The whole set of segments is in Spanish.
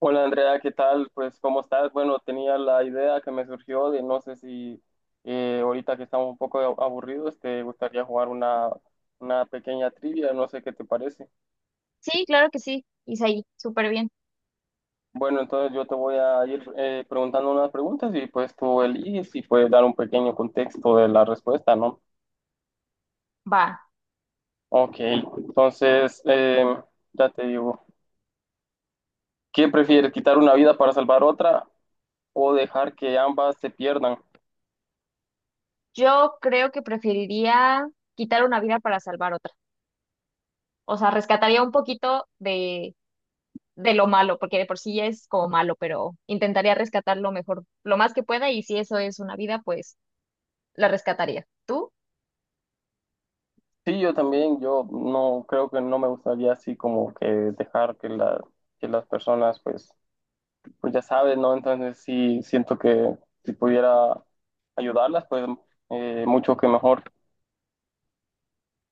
Hola Andrea, ¿qué tal? Pues ¿cómo estás? Bueno, tenía la idea que me surgió de no sé si ahorita que estamos un poco aburridos te gustaría jugar una pequeña trivia, no sé qué te parece. Sí, claro que sí, Isaí, súper bien. Bueno, entonces yo te voy a ir preguntando unas preguntas y pues tú eliges y puedes dar un pequeño contexto de la respuesta, ¿no? Va, Ok, entonces ya te digo, ¿qué prefieres, quitar una vida para salvar otra o dejar que ambas se pierdan? yo creo que preferiría quitar una vida para salvar otra. O sea, rescataría un poquito de lo malo, porque de por sí ya es como malo, pero intentaría rescatar lo mejor, lo más que pueda, y si eso es una vida, pues la rescataría. ¿Tú? Sí, yo también, yo no creo que no me gustaría así como que dejar que las personas, pues, pues ya saben, ¿no? Entonces sí siento que si pudiera ayudarlas, pues mucho que mejor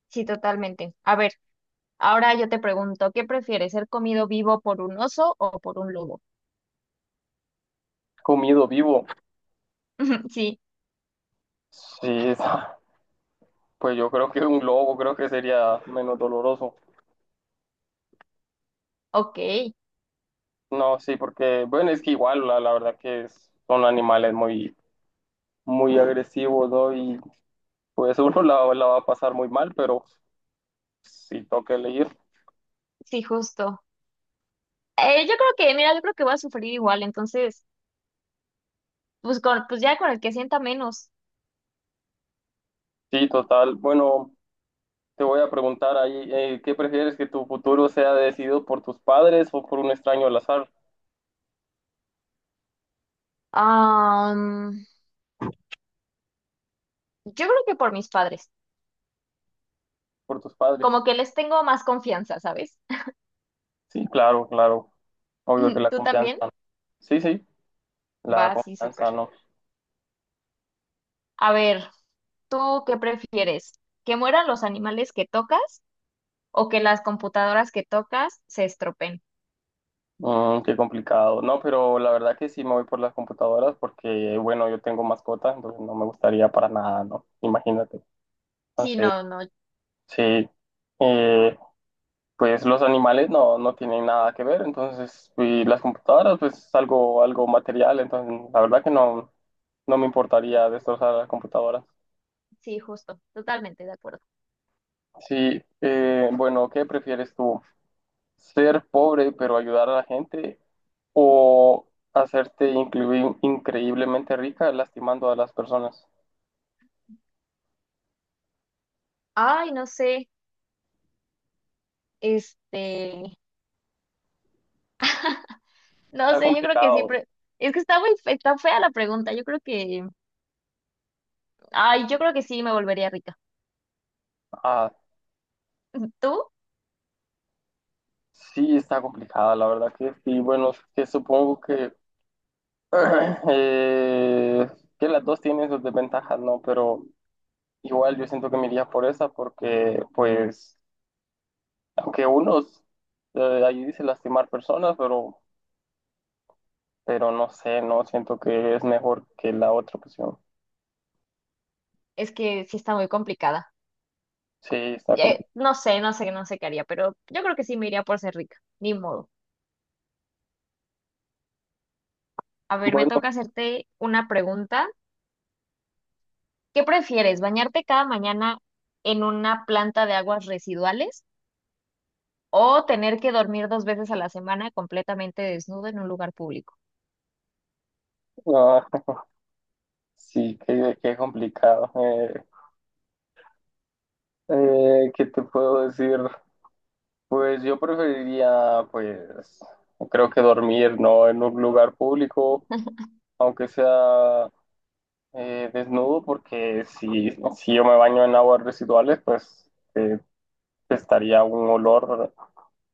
Sí, totalmente. A ver, ahora yo te pregunto, ¿qué prefieres, ser comido vivo por un oso o por un lobo? comido vivo. Sí, Sí, pues yo creo que un globo creo que sería menos doloroso. ok, No, sí, porque, bueno, es que igual, la verdad que son animales muy, muy agresivos, ¿no? Y pues uno la va a pasar muy mal, pero si toca elegir. sí, justo. Yo creo que, mira, yo creo que voy a sufrir igual, entonces... Pues, pues ya con el que sienta menos. Sí, total. Bueno. Te voy a preguntar ahí, ¿qué prefieres que tu futuro sea decidido por tus padres o por un extraño al azar? Am, yo creo que por mis padres. Por tus padres. Como que les tengo más confianza, ¿sabes? Sí, claro, claro. Obvio que la ¿Tú confianza, también? ¿no? Sí, sí, Va, la sí, súper. confianza, ¿no? A ver, ¿tú qué prefieres? ¿Que mueran los animales que tocas o que las computadoras que tocas se estropeen? Mm, qué complicado. No, pero la verdad que sí me voy por las computadoras porque, bueno, yo tengo mascotas, entonces no me gustaría para nada, ¿no? Imagínate. Sí, Entonces, no, no. sí. Eh, pues los animales no tienen nada que ver, entonces, y las computadoras, pues es algo, algo material, entonces la verdad que no, no me Sí, importaría destrozar la computadora. sí, justo. Totalmente de acuerdo. Sí, bueno, ¿qué prefieres tú? ¿Ser pobre pero ayudar a la gente o hacerte increíblemente rica lastimando a las personas? Ay, no sé. Este, no Está sé, yo creo que sí. complicado. pre- Es que está muy fe- está fea la pregunta. Yo creo que, ay, yo creo que sí me volvería rica. Ah, ¿Tú? sí, está complicada, la verdad que sí. Bueno, que supongo que Eh, que las dos tienen sus desventajas, ¿no? Pero igual yo siento que me iría por esa porque, pues, aunque unos, ahí dice lastimar personas, pero no sé, no siento que es mejor que la otra opción. Es que sí está muy complicada. Sí, está complicado. No sé, no sé, no sé qué haría, pero yo creo que sí me iría por ser rica. Ni modo. A ver, me Bueno, toca hacerte una pregunta. ¿Qué prefieres, bañarte cada mañana en una planta de aguas residuales o tener que dormir dos veces a la semana completamente desnudo en un lugar público? ah, sí, qué, qué complicado. ¿Qué te puedo decir? Pues yo preferiría, pues, creo que dormir, ¿no? En un lugar público, aunque sea desnudo porque si yo me baño en aguas residuales, pues estaría un olor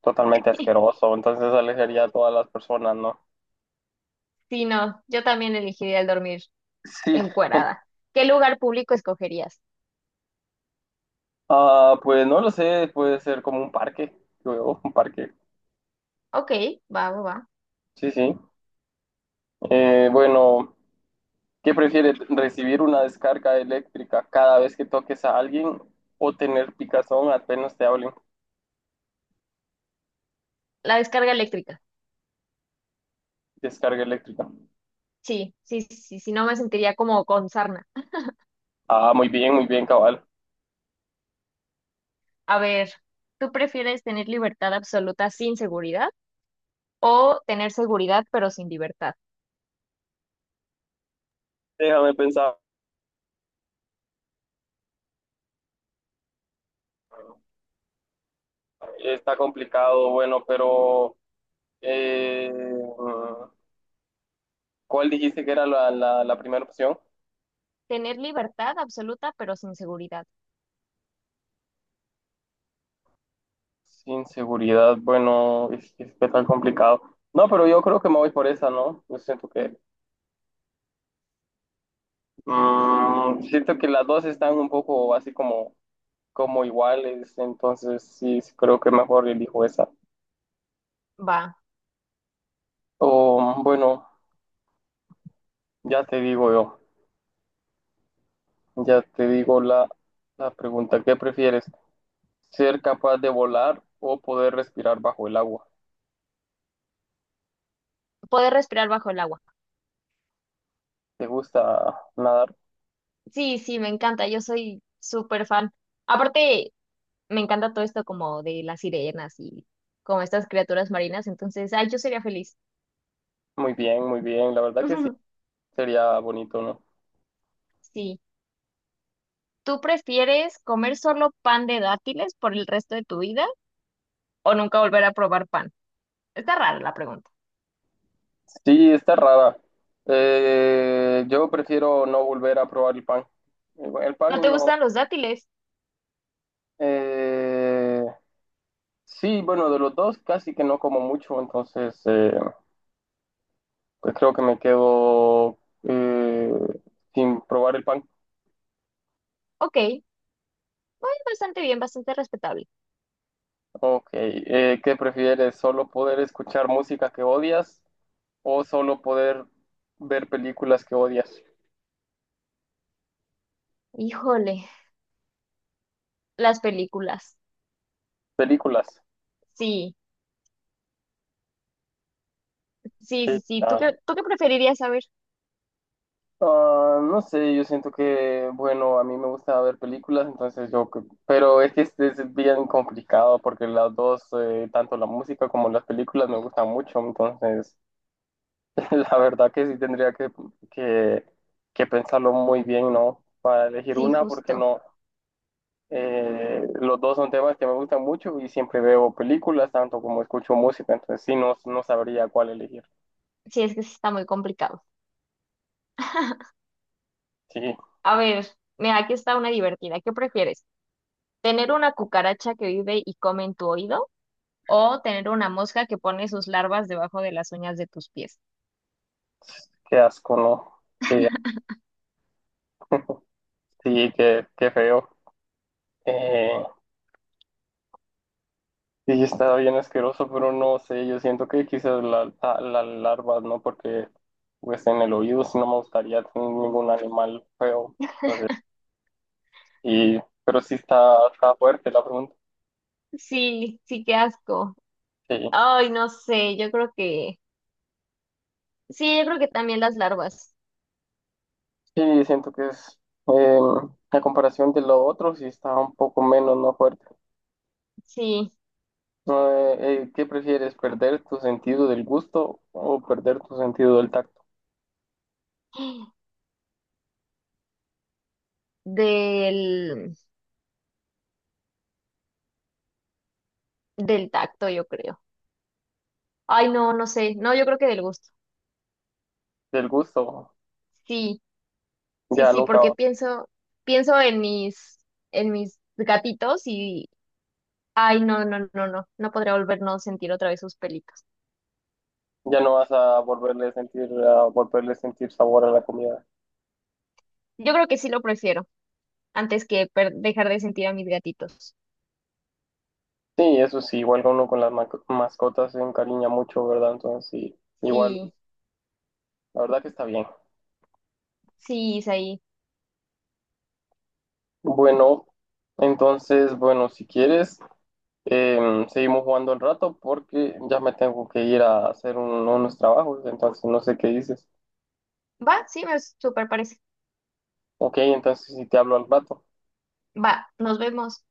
totalmente asqueroso, entonces alejaría a todas las personas, ¿no? Sí, no, yo también elegiría el dormir Sí, encuerada. ¿Qué lugar público escogerías? ah, pues no lo sé, puede ser como un parque, luego un parque. Ok, va, va, va. Sí, sí. Bueno, ¿qué prefieres? ¿Recibir una descarga eléctrica cada vez que toques a alguien o tener picazón apenas te hablen? La descarga eléctrica. Descarga eléctrica. Sí, sí, sí, sí, no me sentiría como con sarna. Ah, muy bien, cabal. A ver, ¿tú prefieres tener libertad absoluta sin seguridad o tener seguridad pero sin libertad? Déjame pensar. Está complicado, bueno, pero eh, ¿cuál dijiste que era la primera opción? Tener libertad absoluta pero sin seguridad. Sin seguridad, bueno, es que tan complicado. No, pero yo creo que me voy por esa, ¿no? Yo siento que siento que las dos están un poco así como, como iguales, entonces sí, sí creo que mejor elijo esa. Va, O bueno, ya te digo yo. Ya te digo la pregunta, ¿qué prefieres? ¿Ser capaz de volar o poder respirar bajo el agua? poder respirar bajo el agua. ¿Te gusta nadar? Sí, sí, me encanta, yo soy súper fan. Aparte, me encanta todo esto como de las sirenas y como estas criaturas marinas, entonces, ay, yo sería feliz. Muy bien, la verdad que sí, sería bonito, ¿no? Sí. ¿Tú prefieres comer solo pan de dátiles por el resto de tu vida o nunca volver a probar pan? Está rara la pregunta. Sí, está rara. Yo prefiero no volver a probar el pan. El pan ¿No te no. gustan los dátiles? Eh, sí, bueno, de los dos casi que no como mucho, entonces pues creo que me quedo eh, sin probar el pan. Ok, bueno, bastante bien, bastante respetable. Ok, ¿qué prefieres? ¿Solo poder escuchar música que odias o solo poder ver películas que odias? Híjole, las películas. Películas. Sí, sí, Sí. sí, sí. Ah, Tú qué preferirías saber? ah, no sé, yo siento que, bueno, a mí me gusta ver películas, entonces yo, pero es que es bien complicado porque las dos, tanto la música como las películas me gustan mucho, entonces la verdad que sí tendría que, que pensarlo muy bien, ¿no? Para elegir Sí, una, porque justo. no. Los dos son temas que me gustan mucho y siempre veo películas, tanto como escucho música, entonces sí, no, no sabría cuál elegir. Sí, es que sí está muy complicado. Sí, A ver, mira, aquí está una divertida. ¿Qué prefieres? ¿Tener una cucaracha que vive y come en tu oído? ¿O tener una mosca que pone sus larvas debajo de las uñas de tus pies? qué asco, ¿no? Qué, sí, qué, qué feo. Eh, sí, está bien asqueroso, pero no sé, yo siento que quizás la larva, ¿no? Porque pues en el oído sí no me gustaría tener ningún animal feo. Entonces, y, pero sí está, está fuerte la pregunta. Sí, sí, qué asco. Sí. Ay, no sé, yo creo que... Sí, yo creo que también las larvas. Sí, siento que es eh, a comparación de lo otro, sí está un poco menos no fuerte. Sí, No, ¿qué prefieres, perder tu sentido del gusto o perder tu sentido del tacto? del, del tacto, yo creo. Ay, no, no sé. No, yo creo que del gusto. Del gusto, Sí, sí, ya sí, nunca, porque pienso, pienso en en mis gatitos y, ay, no, no, no, no, no podría volvernos a sentir otra vez sus pelitos. ya no vas a volverle a sentir, a volverle a sentir sabor a la comida. Yo creo que sí lo prefiero antes que per- dejar de sentir a mis gatitos. Sí, eso sí, igual uno con las mascotas se encariña mucho, ¿verdad? Entonces sí, igual, Sí, la verdad que está bien. sí, Isaí. Bueno, entonces, bueno, si quieres. Seguimos jugando un rato porque ya me tengo que ir a hacer unos trabajos, entonces no sé qué dices. Va, sí, me súper parece. Ok, entonces si te hablo al rato. Va, nos vemos.